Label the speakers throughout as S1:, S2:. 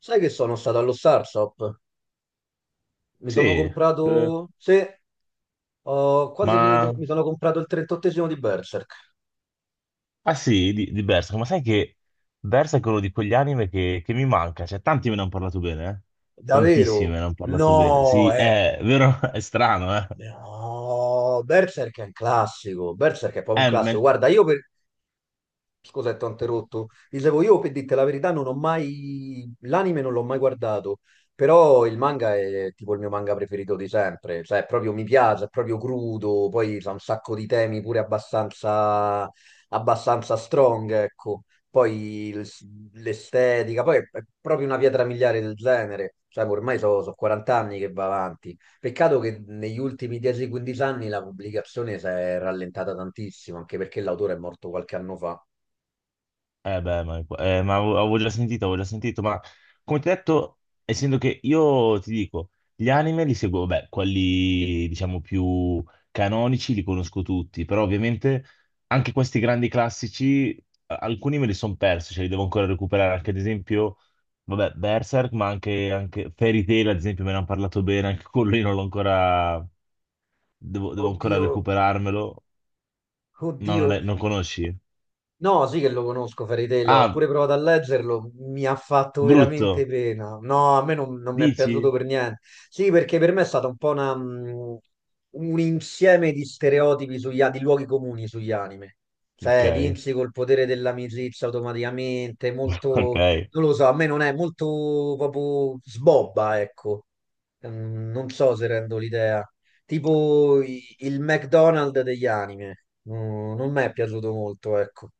S1: Sai che sono stato allo Starshop? Mi sono
S2: Sì, eh,
S1: comprato. Sì, ho quasi
S2: ma...
S1: finito. Mi sono comprato il 38esimo di Berserk.
S2: Ah sì, di Berserk, ma sai che Berserk è quello di quegli anime che mi manca, cioè tanti me ne hanno parlato bene, eh? Tantissimi
S1: Davvero?
S2: me ne hanno parlato bene,
S1: No,
S2: sì,
S1: eh.
S2: è vero, è strano, eh?
S1: No, Berserk è un classico. Berserk è proprio un classico.
S2: Me
S1: Guarda, scusa, ti ho interrotto. Dicevo, io per dirti la verità non ho mai. L'anime non l'ho mai guardato, però il manga è tipo il mio manga preferito di sempre. Cioè, proprio mi piace, è proprio crudo, poi c'ha un sacco di temi pure abbastanza strong, ecco. Poi l'estetica, poi è proprio una pietra miliare del genere. Cioè, ormai sono 40 anni che va avanti. Peccato che negli ultimi 10-15 anni la pubblicazione si è rallentata tantissimo, anche perché l'autore è morto qualche anno fa.
S2: Eh beh, ma avevo già sentito, avevo già sentito, ma come ti ho detto, essendo che io ti dico, gli anime li seguo, beh, quelli diciamo più canonici li conosco tutti, però ovviamente anche questi grandi classici, alcuni me li sono persi, cioè li devo ancora recuperare, anche ad esempio, vabbè, Berserk, ma anche Fairy Tail, ad esempio, me ne hanno parlato bene, anche quello io non l'ho ancora, devo ancora
S1: Oddio,
S2: recuperarmelo, no,
S1: oddio.
S2: non, non conosci?
S1: No, sì che lo conosco, Fairy Tail, l'ho
S2: Ah,
S1: pure provato a leggerlo, mi ha fatto veramente
S2: brutto,
S1: pena. No, a me non mi è piaciuto
S2: dici?
S1: per niente. Sì, perché per me è stata un po' un insieme di stereotipi di luoghi comuni sugli anime. Cioè,
S2: Ok.
S1: vinci col potere dell'amicizia automaticamente, molto,
S2: Ok.
S1: non lo so, a me non è molto proprio sbobba, ecco. Non so se rendo l'idea. Tipo il McDonald's degli anime. Non mi è piaciuto molto, ecco.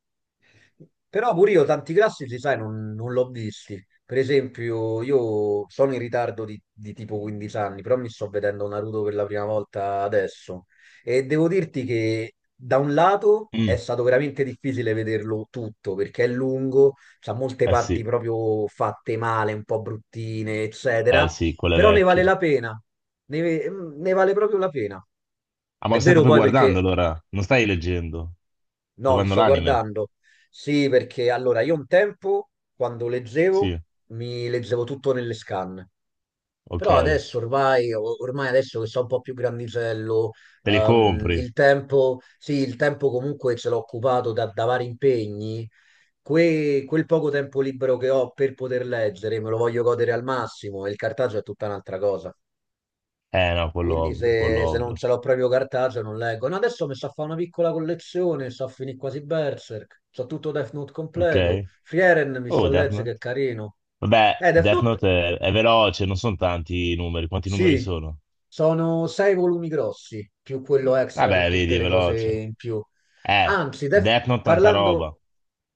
S1: Però pure io tanti classici, sai, non l'ho visti. Per esempio, io sono in ritardo di tipo 15 anni, però mi sto vedendo Naruto per la prima volta adesso. E devo dirti che da un lato è
S2: Mm.
S1: stato veramente difficile vederlo tutto, perché è lungo, c'ha molte
S2: Eh
S1: parti
S2: sì,
S1: proprio fatte male, un po' bruttine, eccetera,
S2: eh sì, quelle
S1: però ne vale
S2: vecchie.
S1: la pena, ne vale proprio la pena.
S2: Ah, ma
S1: È
S2: lo stai
S1: vero
S2: proprio
S1: poi perché
S2: guardando allora? Non stai leggendo? Stai
S1: No, lo
S2: guardando
S1: sto
S2: l'anime?
S1: guardando. Sì, perché allora io un tempo, quando leggevo,
S2: Sì,
S1: mi leggevo tutto nelle scan. Però
S2: ok.
S1: adesso ormai adesso che sono un po' più grandicello,
S2: Te li compri?
S1: il tempo, sì, il tempo comunque ce l'ho occupato da vari impegni. Quel poco tempo libero che ho per poter leggere me lo voglio godere al massimo e il cartaggio è tutta un'altra cosa.
S2: Eh no, quello
S1: Quindi
S2: ovvio, quello
S1: se non
S2: ovvio.
S1: ce l'ho proprio cartaceo non leggo. No, adesso mi sa fare una piccola collezione, sto a finire quasi Berserk, so tutto Death Note
S2: Ok.
S1: completo. Frieren mi sto
S2: Oh,
S1: a
S2: Death
S1: leggere che
S2: Note.
S1: è carino.
S2: Vabbè,
S1: Death
S2: Death
S1: Note,
S2: Note è veloce, non sono tanti i numeri. Quanti numeri
S1: sì,
S2: sono?
S1: sono sei volumi grossi, più quello extra con
S2: Vabbè, vedi,
S1: tutte
S2: è
S1: le cose
S2: veloce.
S1: in più.
S2: Eh,
S1: Anzi,
S2: Death Note tanta roba.
S1: parlando,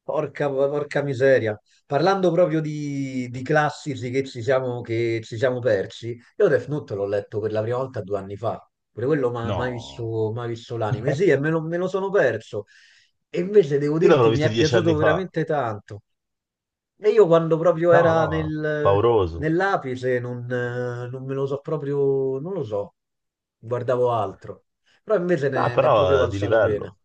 S1: porca miseria, parlando proprio di classici che ci siamo persi, io Death Note l'ho letto per la prima volta 2 anni fa, pure quello ma mai
S2: No.
S1: visto, mai visto l'anime, sì, e me lo sono perso. E invece devo
S2: Io l'avrò
S1: dirti, mi
S2: visto
S1: è
S2: dieci
S1: piaciuto
S2: anni fa.
S1: veramente tanto. E io quando proprio
S2: No,
S1: era
S2: no, pauroso.
S1: nell'apice non me lo so proprio, non lo so, guardavo altro. Però invece
S2: No,
S1: ne è proprio
S2: però è di
S1: valsa la pena.
S2: livello.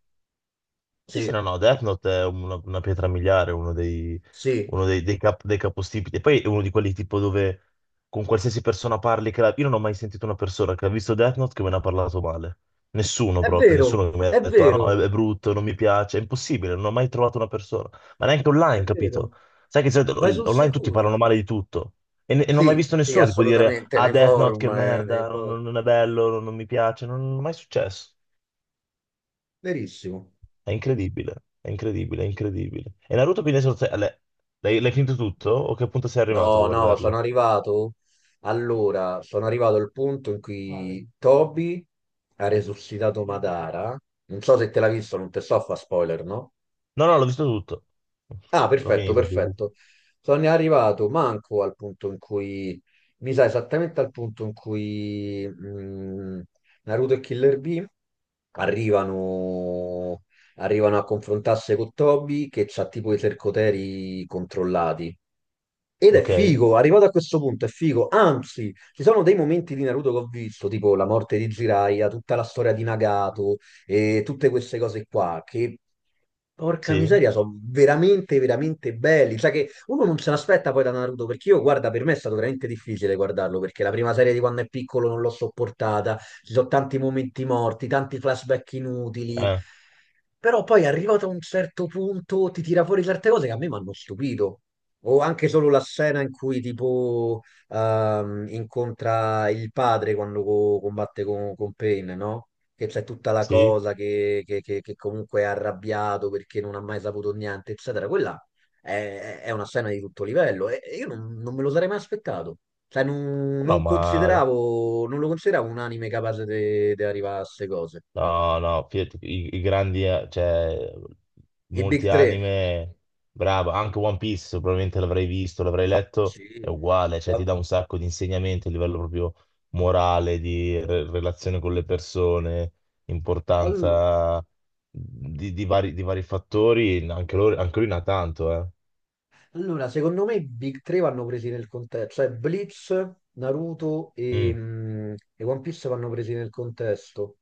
S2: Sì, sì, no,
S1: Sì.
S2: no, Death Note è una pietra miliare,
S1: Sì,
S2: uno dei, dei capostipiti. E poi è uno di quelli tipo dove con qualsiasi persona parli, io non ho mai sentito una persona che ha visto Death Note che me ne ha parlato male. Nessuno
S1: è
S2: proprio,
S1: vero,
S2: nessuno che mi ha
S1: è
S2: detto, ah no,
S1: vero,
S2: è brutto, non mi piace, è impossibile, non ho mai trovato una persona. Ma neanche
S1: è
S2: online, capito?
S1: vero.
S2: Sai che di solito
S1: Vai sul
S2: online tutti
S1: sicuro.
S2: parlano male di tutto. E non ho mai
S1: Sì,
S2: visto
S1: sì,
S2: nessuno tipo dire,
S1: assolutamente,
S2: ah
S1: nei
S2: Death Note
S1: forum,
S2: che merda, non è bello, non mi piace, non è mai successo.
S1: verissimo.
S2: È incredibile, è incredibile, è incredibile. E Naruto quindi è solo l'hai l'hai finito tutto? O che punto sei arrivato a
S1: No, no, sono
S2: guardarlo?
S1: arrivato. Allora, sono arrivato al punto in cui Toby ha resuscitato Madara. Non so se te l'ha visto, non te so fa spoiler, no?
S2: No, no, l'ho visto tutto.
S1: Ah,
S2: L'ho
S1: perfetto,
S2: finito, sì, sì, sì.
S1: perfetto. Sono arrivato manco al punto in cui, mi sa esattamente al punto in cui Naruto e Killer Bee arrivano, arrivano a confrontarsi con Toby che c'ha tipo i sercoteri controllati. Ed è
S2: Ok,
S1: figo, arrivato a questo punto è figo, anzi, ci sono dei momenti di Naruto che ho visto, tipo la morte di Jiraiya, tutta la storia di Nagato e tutte queste cose qua, che porca
S2: sì,
S1: miseria, sono veramente, veramente belli. Cioè che uno non se l'aspetta poi da Naruto, perché io, guarda, per me è stato veramente difficile guardarlo, perché la prima serie di quando è piccolo non l'ho sopportata, ci sono tanti momenti morti, tanti flashback inutili,
S2: eh,
S1: però poi arrivato a un certo punto ti tira fuori certe cose che a me mi hanno stupito. O anche solo la scena in cui tipo incontra il padre quando combatte con Pain, no? Che c'è tutta la
S2: sì.
S1: cosa che comunque è arrabbiato perché non ha mai saputo niente, eccetera. Quella è una scena di tutto livello e io non me lo sarei mai aspettato. Cioè, non,
S2: No,
S1: non
S2: ma
S1: consideravo, non lo consideravo un anime capace di arrivare a queste cose.
S2: no, no, fidati, i grandi, cioè,
S1: I Big
S2: molti
S1: 3.
S2: anime, bravo, anche One Piece probabilmente l'avrei visto, l'avrei letto, è
S1: Sì.
S2: uguale, cioè ti
S1: Ma-
S2: dà un sacco di insegnamenti a livello proprio morale, relazione con le persone,
S1: All-
S2: importanza di vari fattori, anche lui ne ha tanto, eh.
S1: Allora, secondo me i Big 3 vanno presi nel contesto, cioè Blitz, Naruto e,
S2: Mm.
S1: mm, e One Piece vanno presi nel contesto,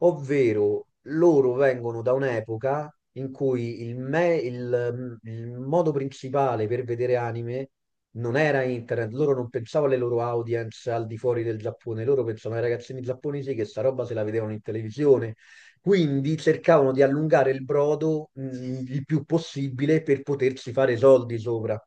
S1: ovvero loro vengono da un'epoca in cui il, me- il, mm, il modo principale per vedere anime non era internet, loro non pensavano alle loro audience al di fuori del Giappone, loro pensavano ai ragazzini giapponesi che sta roba se la vedevano in televisione, quindi cercavano di allungare il brodo il più possibile per potersi fare soldi sopra.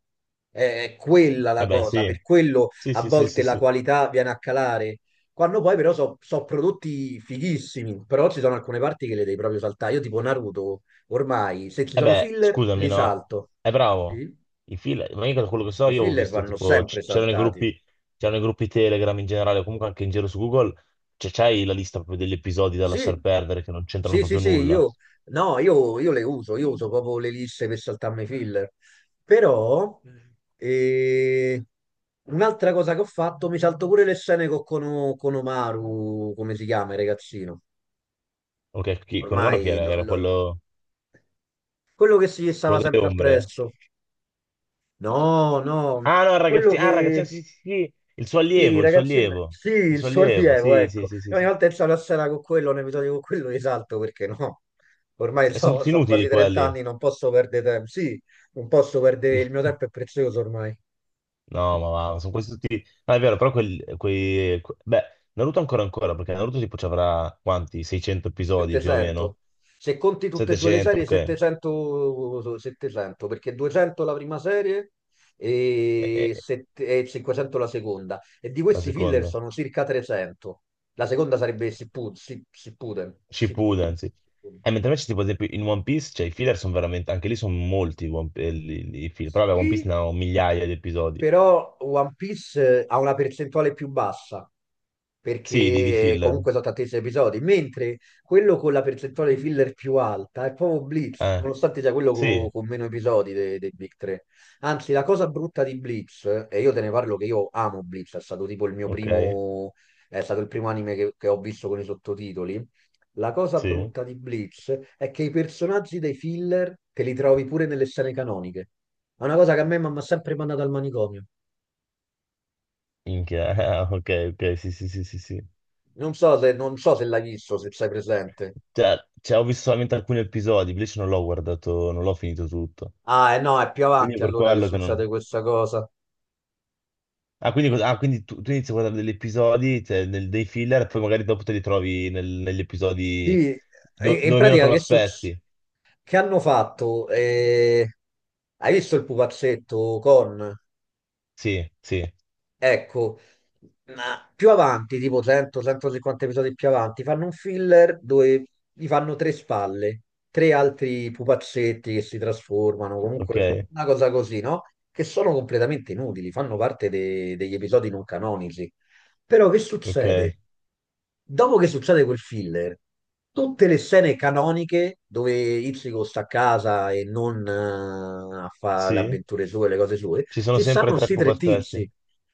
S1: È quella
S2: Eh
S1: la
S2: beh,
S1: cosa,
S2: sì,
S1: per quello
S2: sì,
S1: a
S2: sì, sì,
S1: volte
S2: sì,
S1: la
S2: sì.
S1: qualità viene a calare. Quando poi però sono prodotti fighissimi, però ci sono alcune parti che le devi proprio saltare. Io tipo Naruto, ormai se ci
S2: Eh
S1: sono
S2: beh,
S1: filler
S2: scusami,
S1: li
S2: no?
S1: salto.
S2: È bravo.
S1: Sì,
S2: Ma io da quello che so,
S1: i
S2: io ho
S1: filler
S2: visto
S1: vanno
S2: tipo,
S1: sempre saltati.
S2: c'erano i gruppi Telegram in generale, o comunque anche in giro su Google, c'è c'hai la lista proprio degli episodi da lasciar
S1: Sì,
S2: perdere che non c'entrano
S1: sì, sì,
S2: proprio
S1: sì,
S2: nulla.
S1: io, no, io le uso, io uso proprio le lisse per saltarmi i filler. Però, eh, un'altra cosa che ho fatto, mi salto pure le scene con Omaru, come si chiama il ragazzino.
S2: Ok, con Umano chi
S1: Ormai,
S2: era? Era quello,
S1: quello che si stava
S2: quello delle
S1: sempre
S2: ombre.
S1: appresso. No, no,
S2: Ah no, il
S1: quello
S2: ragazzino, ah, il ragazzino,
S1: che.
S2: sì, sì, sì,
S1: Sì, ragazzi, sì,
S2: il
S1: il
S2: suo
S1: suo
S2: allievo,
S1: allievo,
S2: sì, sì,
S1: ecco.
S2: sì, sì,
S1: E ogni
S2: sì.
S1: volta che c'è la scena con quello, un episodio con quello, risalto perché no. Ormai
S2: Sono
S1: so,
S2: tutti
S1: so quasi
S2: inutili
S1: 30
S2: quelli.
S1: anni, non posso perdere tempo. Sì, non posso perdere, il mio tempo è prezioso ormai.
S2: No, ma sono questi tutti... No, è vero, però Beh, Naruto ancora ancora, perché Naruto tipo ci avrà quanti? 600 episodi più o
S1: 700.
S2: meno?
S1: Se conti tutte e due le
S2: 700,
S1: serie,
S2: ok.
S1: 700, 700, perché 200 la prima serie e,
S2: E-
S1: sette- e 500 la seconda. E di
S2: la
S1: questi filler
S2: seconda.
S1: sono circa 300. La seconda sarebbe Sippuden. Sippuden.
S2: Shippuden,
S1: Sippuden.
S2: sì. E mentre invece tipo ad esempio in One Piece, cioè i filler sono veramente... Anche lì sono molti i i filler. Però vabbè, One Piece
S1: Sì,
S2: ne ha un migliaia di episodi.
S1: però One Piece ha una percentuale più bassa,
S2: Sì, di
S1: perché
S2: filler.
S1: comunque sono tantissimi episodi, mentre quello con la percentuale di filler più alta è proprio Blitz,
S2: Eh,
S1: nonostante sia quello
S2: sì,
S1: meno episodi dei Big 3. Anzi, la cosa brutta di Blitz, e io te ne parlo che io amo Blitz, è stato tipo il mio
S2: ok,
S1: primo, è stato il primo anime che ho visto con i sottotitoli. La cosa
S2: sì.
S1: brutta di Bleach è che i personaggi dei filler te li trovi pure nelle scene canoniche. È una cosa che a me mi ha sempre mandato al manicomio.
S2: Minchia, ok, ok, sì, sì, sì, sì, sì.
S1: Non so se l'hai visto, se sei presente.
S2: Cioè, cioè, ho visto solamente alcuni episodi, invece non l'ho guardato, non l'ho finito tutto.
S1: Ah, eh no, è più
S2: Quindi è
S1: avanti
S2: per
S1: allora che
S2: quello che
S1: succede
S2: non...
S1: questa cosa.
S2: Ah, quindi, ah, quindi tu inizi a guardare degli episodi, cioè, dei filler, e poi magari dopo te li trovi negli episodi
S1: Sì, e- e in
S2: dove meno te
S1: pratica
S2: lo
S1: che succede?
S2: aspetti.
S1: Che hanno fatto? Hai visto il pupazzetto con?
S2: Sì, sì,
S1: Ecco, ma più avanti, tipo 100-150 episodi più avanti, fanno un filler dove gli fanno tre spalle, tre altri pupazzetti che si trasformano,
S2: ok,
S1: comunque una cosa così, no? Che sono completamente inutili, fanno parte degli episodi non canonici. Però che
S2: ok,
S1: succede? Dopo che succede quel filler, tutte le scene canoniche dove Ichigo sta a casa e non a fare le
S2: sì.
S1: avventure sue, le cose sue,
S2: Ci sono
S1: ci
S2: sempre
S1: stanno
S2: tre
S1: sti tre
S2: pupazzetti,
S1: tizi.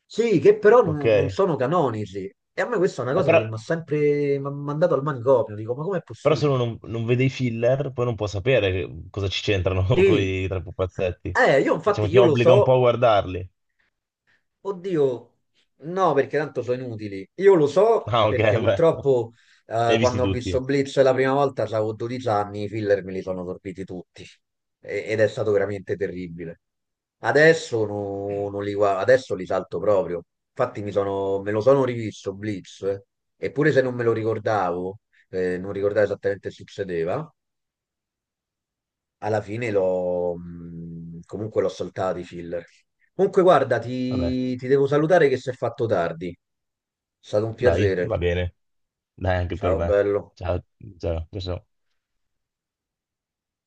S1: Sì, che però
S2: ok.
S1: non sono canonici. E a me questa è una cosa
S2: Però,
S1: che mi ha sempre m'ha mandato al manicomio. Dico, ma com'è
S2: però se uno
S1: possibile?
S2: non vede i filler, poi non può sapere cosa ci c'entrano con
S1: Sì.
S2: i tre pupazzetti.
S1: Io infatti
S2: Diciamo, ti
S1: io lo
S2: obbliga un po'
S1: so.
S2: a guardarli.
S1: Oddio, no, perché tanto sono inutili. Io lo so
S2: Ah, ok,
S1: perché
S2: beh.
S1: purtroppo
S2: Li hai visti
S1: quando ho visto
S2: tutti?
S1: Blitz la prima volta avevo 12 anni, i filler me li sono sorbiti tutti. Ed è stato veramente terribile. Adesso, no- non li, gua- adesso li salto proprio. Infatti me lo sono rivisto Blitz, eh. Eppure se non me lo ricordavo, non ricordavo esattamente che succedeva, alla fine l'ho comunque l'ho saltato i filler. Comunque, guarda,
S2: Vabbè,
S1: ti devo salutare che si è fatto tardi. È stato un
S2: dai,
S1: piacere.
S2: va bene. Dai, anche per
S1: Ciao,
S2: me.
S1: bello.
S2: Ciao, ciao, ciao. Ciao.